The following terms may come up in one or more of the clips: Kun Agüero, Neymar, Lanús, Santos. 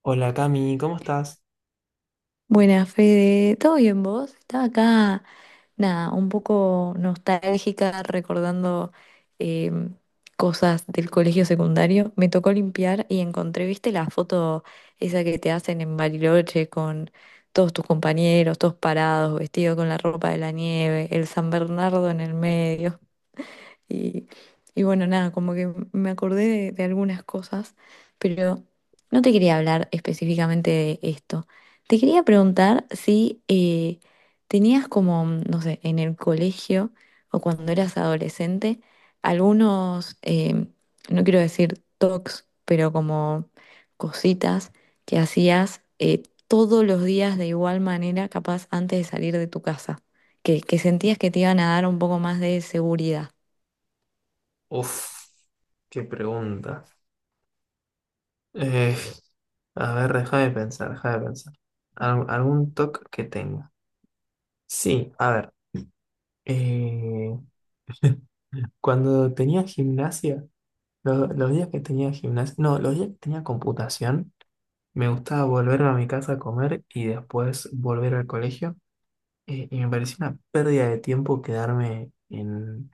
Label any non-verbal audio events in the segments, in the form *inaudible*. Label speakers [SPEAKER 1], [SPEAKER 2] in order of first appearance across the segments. [SPEAKER 1] Hola Cami, ¿cómo estás?
[SPEAKER 2] Buenas, Fede. ¿Todo bien vos? Estaba acá, nada, un poco nostálgica, recordando em, cosas del colegio secundario. Me tocó limpiar y encontré, ¿viste la foto esa que te hacen en Bariloche con todos tus compañeros, todos parados, vestidos con la ropa de la nieve, el San Bernardo en el medio? Y, y bueno, nada, como que me acordé de algunas cosas, pero no te quería hablar específicamente de esto. Te quería preguntar si tenías como, no sé, en el colegio o cuando eras adolescente, algunos, no quiero decir tocs, pero como cositas que hacías todos los días de igual manera, capaz antes de salir de tu casa, que sentías que te iban a dar un poco más de seguridad.
[SPEAKER 1] Uf, qué pregunta. Eh, a ver, déjame pensar, déjame pensar. Algún toque que tenga. Sí, a ver. eh, *laughs* Cuando tenía gimnasia, los días que tenía gimnasia, no, los días que tenía computación, me gustaba volver a mi casa a comer y después volver al colegio. Y me parecía una pérdida de tiempo quedarme en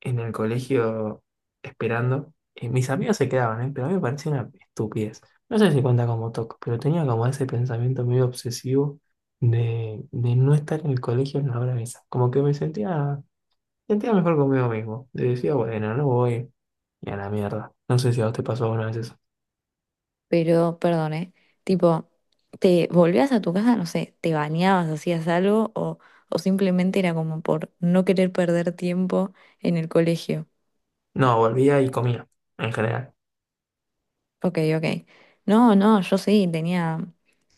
[SPEAKER 1] el colegio esperando. Y mis amigos se quedaban, ¿eh? Pero a mí me parecía una estupidez. No sé si cuenta como TOC, pero tenía como ese pensamiento medio obsesivo de no estar en el colegio en la hora esa. Como que me sentía, sentía mejor conmigo mismo. Y decía, bueno, no voy. Y a la mierda. No sé si a vos te pasó alguna vez eso.
[SPEAKER 2] Pero, perdón, ¿eh? Tipo, ¿te volvías a tu casa? No sé, ¿te bañabas, hacías algo? O simplemente era como por no querer perder tiempo en el colegio?
[SPEAKER 1] No, volvía y comía, en general.
[SPEAKER 2] Ok, ok. No, no, yo sí tenía.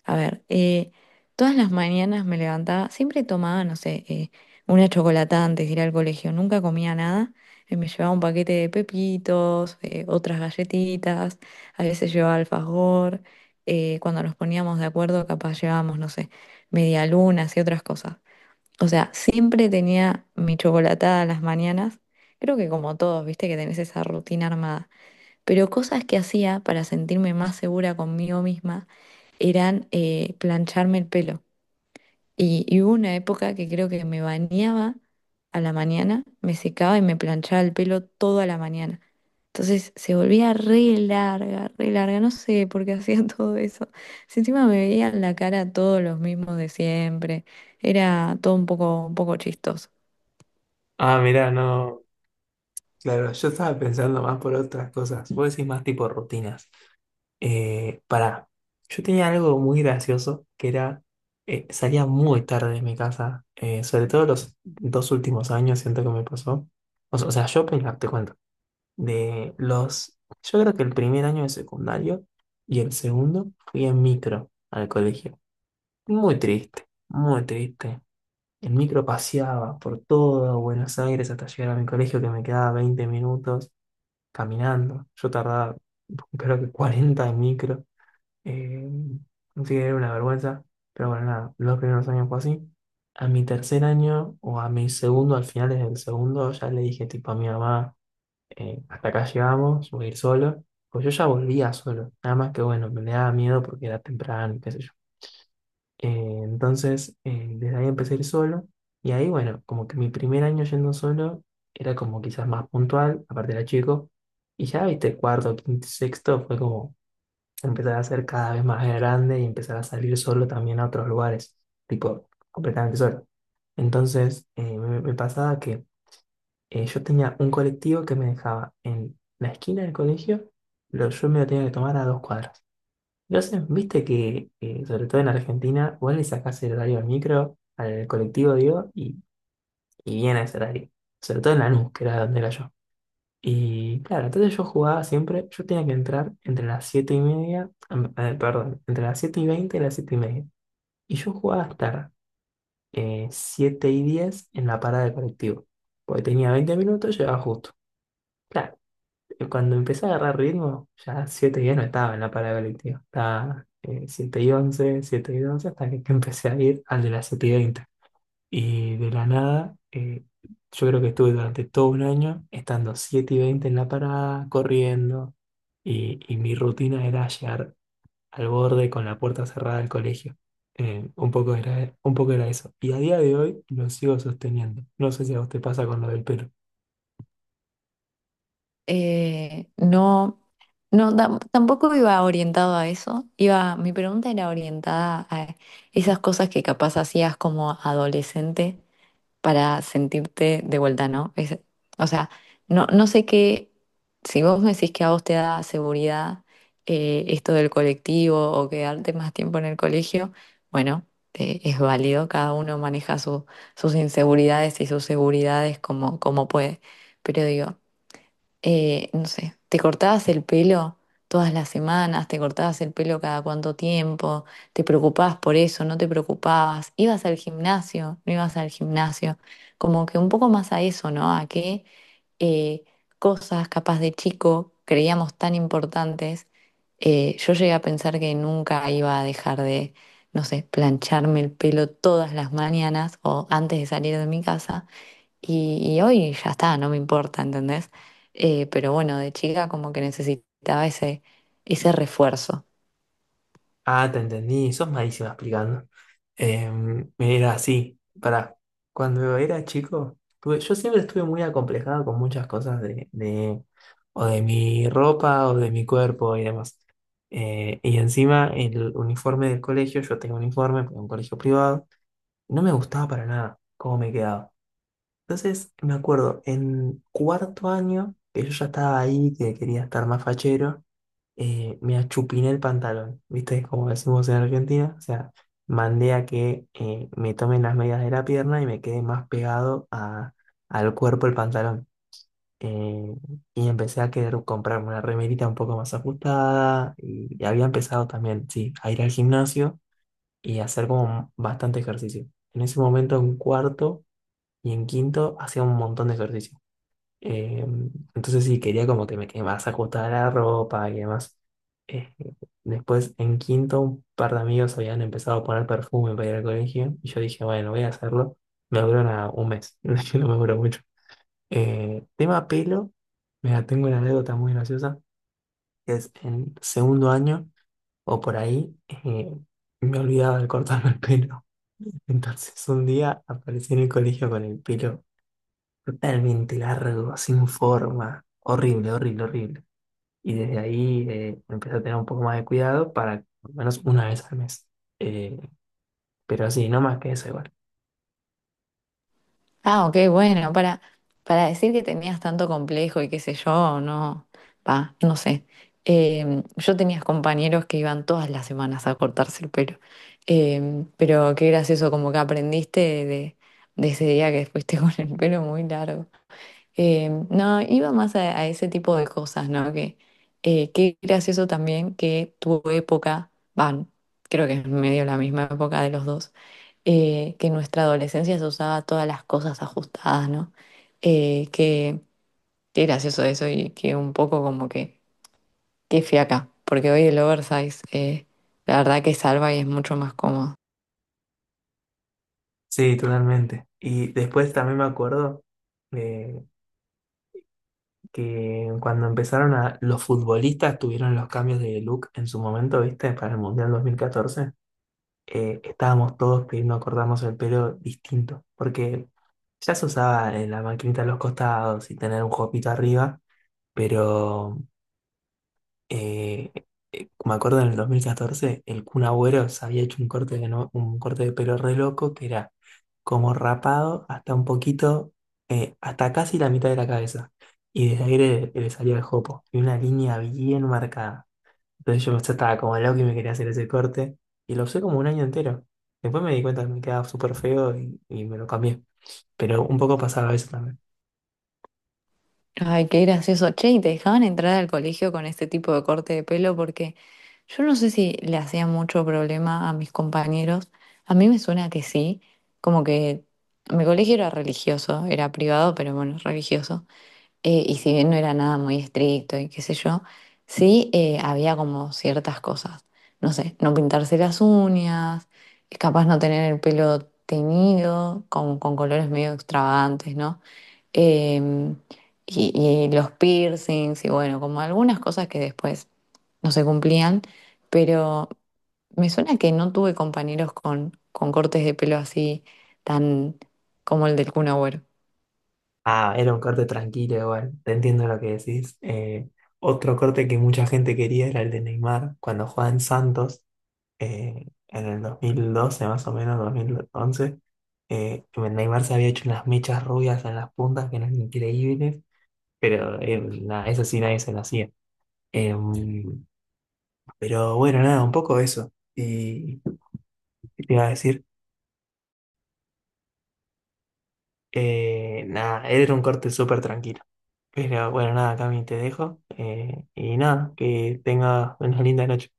[SPEAKER 2] A ver, todas las mañanas me levantaba, siempre tomaba, no sé, una chocolatada antes de ir al colegio, nunca comía nada. Me llevaba un paquete de pepitos, otras galletitas, a veces llevaba alfajor. Cuando nos poníamos de acuerdo, capaz llevábamos, no sé, medialunas y otras cosas. O sea, siempre tenía mi chocolatada a las mañanas. Creo que como todos, viste que tenés esa rutina armada. Pero cosas que hacía para sentirme más segura conmigo misma eran plancharme el pelo. Y hubo una época que creo que me bañaba a la mañana, me secaba y me planchaba el pelo toda la mañana. Entonces se volvía re larga, no sé por qué hacía *laughs* todo eso. Si encima me veían la cara todos los mismos de siempre, era todo un poco chistoso.
[SPEAKER 1] Ah, mirá, no. Claro, yo estaba pensando más por otras cosas. Vos decís más tipo rutinas. Pará, yo tenía algo muy gracioso que era, salía muy tarde de mi casa, sobre todo los dos últimos años, siento que me pasó. O sea, yo, te cuento, de los, yo creo que el primer año de secundario y el segundo fui en micro al colegio. Muy triste, muy triste. El micro paseaba por todo Buenos Aires hasta llegar a mi colegio que me quedaba 20 minutos caminando. Yo tardaba creo que 40 en micro. Eh, Consideré una vergüenza, pero bueno, nada, los primeros años fue así. A mi tercer año o a mi segundo, al final del segundo, ya le dije tipo a mi mamá, hasta acá llegamos, voy a ir solo. Pues yo ya volvía solo, nada más que bueno, me daba miedo porque era temprano, y qué sé yo. Eh, entonces, desde ahí empecé a ir solo y ahí bueno, como que mi primer año yendo solo era como quizás más puntual, aparte era chico, y ya viste, cuarto, quinto, y sexto fue como empezar a ser cada vez más grande y empezar a salir solo también a otros lugares, tipo completamente solo. Entonces, me pasaba que yo tenía un colectivo que me dejaba en la esquina del colegio, yo me lo tenía que tomar a dos cuadras. Entonces, viste que, sobre todo en Argentina, vos le sacás el horario al micro, al colectivo, digo, y viene ese horario. Sobre todo en Lanús, que era donde era yo. Y claro, entonces yo jugaba siempre, yo tenía que entrar entre las 7 y media, perdón, entre las 7 y 20 y las 7 y media. Y yo jugaba hasta 7 y 10 en la parada del colectivo, porque tenía 20 minutos, llegaba justo. Claro, cuando empecé a agarrar ritmo, ya 7 y 10 no estaba en la parada del colectivo, estaba 7 y once, 7 y 12, hasta que *laughs* que empecé a ir al de las 7 y 20 y de la nada, yo creo que estuve durante todo un año estando 7 y 20 en la parada, corriendo, y mi rutina era llegar al borde con la puerta cerrada del colegio. Un poco era, un poco era eso. Y a día de hoy lo sigo sosteniendo. No sé si a vos te pasa con lo del pelo.
[SPEAKER 2] No. No, tampoco iba orientado a eso. Iba, mi pregunta era orientada a esas cosas que capaz hacías como adolescente para sentirte de vuelta, ¿no? O sea, no, no sé qué, si vos me decís que a vos te da seguridad esto del colectivo o quedarte más tiempo en el colegio, bueno, es válido, cada uno maneja sus inseguridades y sus seguridades como, como puede. Pero digo, no sé, te cortabas el pelo todas las semanas, te cortabas el pelo cada cuánto tiempo, te preocupabas por eso, no te preocupabas, ibas al gimnasio, no ibas al gimnasio, como que un poco más a eso, ¿no? A qué eh, cosas capaz de chico creíamos tan importantes. Yo llegué a pensar que nunca iba a dejar de, no sé, plancharme el pelo todas las mañanas o antes de salir de mi casa y hoy ya está, no me importa, ¿entendés? Pero bueno, de chica como que necesitaba ese, ese refuerzo.
[SPEAKER 1] Ah, te entendí, sos malísima explicando. Mira, sí, para cuando era chico, yo siempre estuve muy acomplejado con muchas cosas de o de mi ropa o de mi cuerpo y demás. Y encima el uniforme del colegio, yo tengo uniforme, porque es un colegio privado, no me gustaba para nada cómo me quedaba. Entonces, me acuerdo, en cuarto año, que yo ya estaba ahí, que quería estar más fachero, me achupiné el pantalón, ¿viste? Como decimos en Argentina, o sea, mandé a que me tomen las medidas de la pierna y me quedé más al cuerpo el pantalón. Eh, y empecé a querer comprarme una remerita un poco más ajustada y había empezado también, sí, a ir al gimnasio y a hacer como bastante ejercicio. En ese momento, en cuarto y en quinto hacía un montón de ejercicio. Eh, entonces sí, quería como que me quemas ajustada la ropa y demás. Eh, después en quinto un par de amigos habían empezado a poner perfume para ir al colegio y yo dije, bueno, voy a hacerlo. Me duró nada un mes, *laughs* no me duró mucho. Tema pelo, mira, tengo una anécdota muy graciosa, que es en segundo año o por ahí, me olvidaba de cortarme el pelo. *laughs* Entonces un día aparecí en el colegio con el pelo totalmente largo, sin forma. Horrible, horrible, horrible. Y desde ahí empecé a tener un poco más de cuidado para al menos una vez al mes. Eh, pero así, no más que eso igual.
[SPEAKER 2] Ah, ok, bueno, para decir que tenías tanto complejo y qué sé yo, no, va, no sé. Yo tenía compañeros que iban todas las semanas a cortarse el pelo. Pero qué gracioso, como que aprendiste de, de ese día que fuiste *laughs* con el pelo muy largo. No, iba más a ese tipo de cosas, ¿no? Que qué gracioso también que tu época, van, creo que es medio la misma época de los dos, que en nuestra adolescencia se usaba todas las cosas ajustadas, ¿no? Que, qué gracioso eso y que un poco como que, qué fiaca, porque hoy el oversize, la verdad que salva y es mucho más cómodo.
[SPEAKER 1] Sí, totalmente. Y después también me acuerdo eh, que cuando empezaron a... Los futbolistas tuvieron los cambios de look en su momento, ¿viste? Para el Mundial 2014. Estábamos todos pidiendo cortarnos el pelo distinto. Porque ya se usaba la maquinita a los costados y tener un jopito arriba. Pero eh, me acuerdo en el 2014 el Kun Agüero se había hecho un corte de, un corte de pelo re loco que era como rapado hasta un poquito, hasta casi la mitad de la cabeza. Y desde ahí le salía el jopo. Y una línea bien marcada. Entonces yo estaba como loco y me quería hacer ese corte. Y lo usé como un año entero. Después me di cuenta que me quedaba súper feo y me lo cambié. Pero un poco pasaba eso también.
[SPEAKER 2] Ay, qué gracioso. Che, ¿y te dejaban entrar al colegio con este tipo de corte de pelo? Porque yo no sé si le hacía mucho problema a mis compañeros. A mí me suena que sí. Como que mi colegio era religioso, era privado, pero bueno, religioso. Y si bien no era nada muy estricto y qué sé yo, sí había como ciertas cosas. No sé, no pintarse las uñas, capaz no tener el pelo teñido, con colores medio extravagantes, ¿no? Eh, y los piercings, y bueno, como algunas cosas que después no se cumplían, pero me suena que no tuve compañeros con cortes de pelo así tan como el del Kun Agüero.
[SPEAKER 1] Ah, era un corte tranquilo igual, te entiendo lo que decís. Otro corte que mucha gente quería era el de Neymar, cuando jugaba en Santos, en el 2012 más o menos, dos mil once. Neymar se había hecho unas mechas rubias en las puntas que eran increíbles, pero nada, eso sí nadie se lo hacía. Em, pero bueno, nada, un poco eso. Y ¿qué te iba a decir, nada, era un corte súper tranquilo. Pero bueno, nada, Cami, te dejo. Y nada, que tengas una linda noche.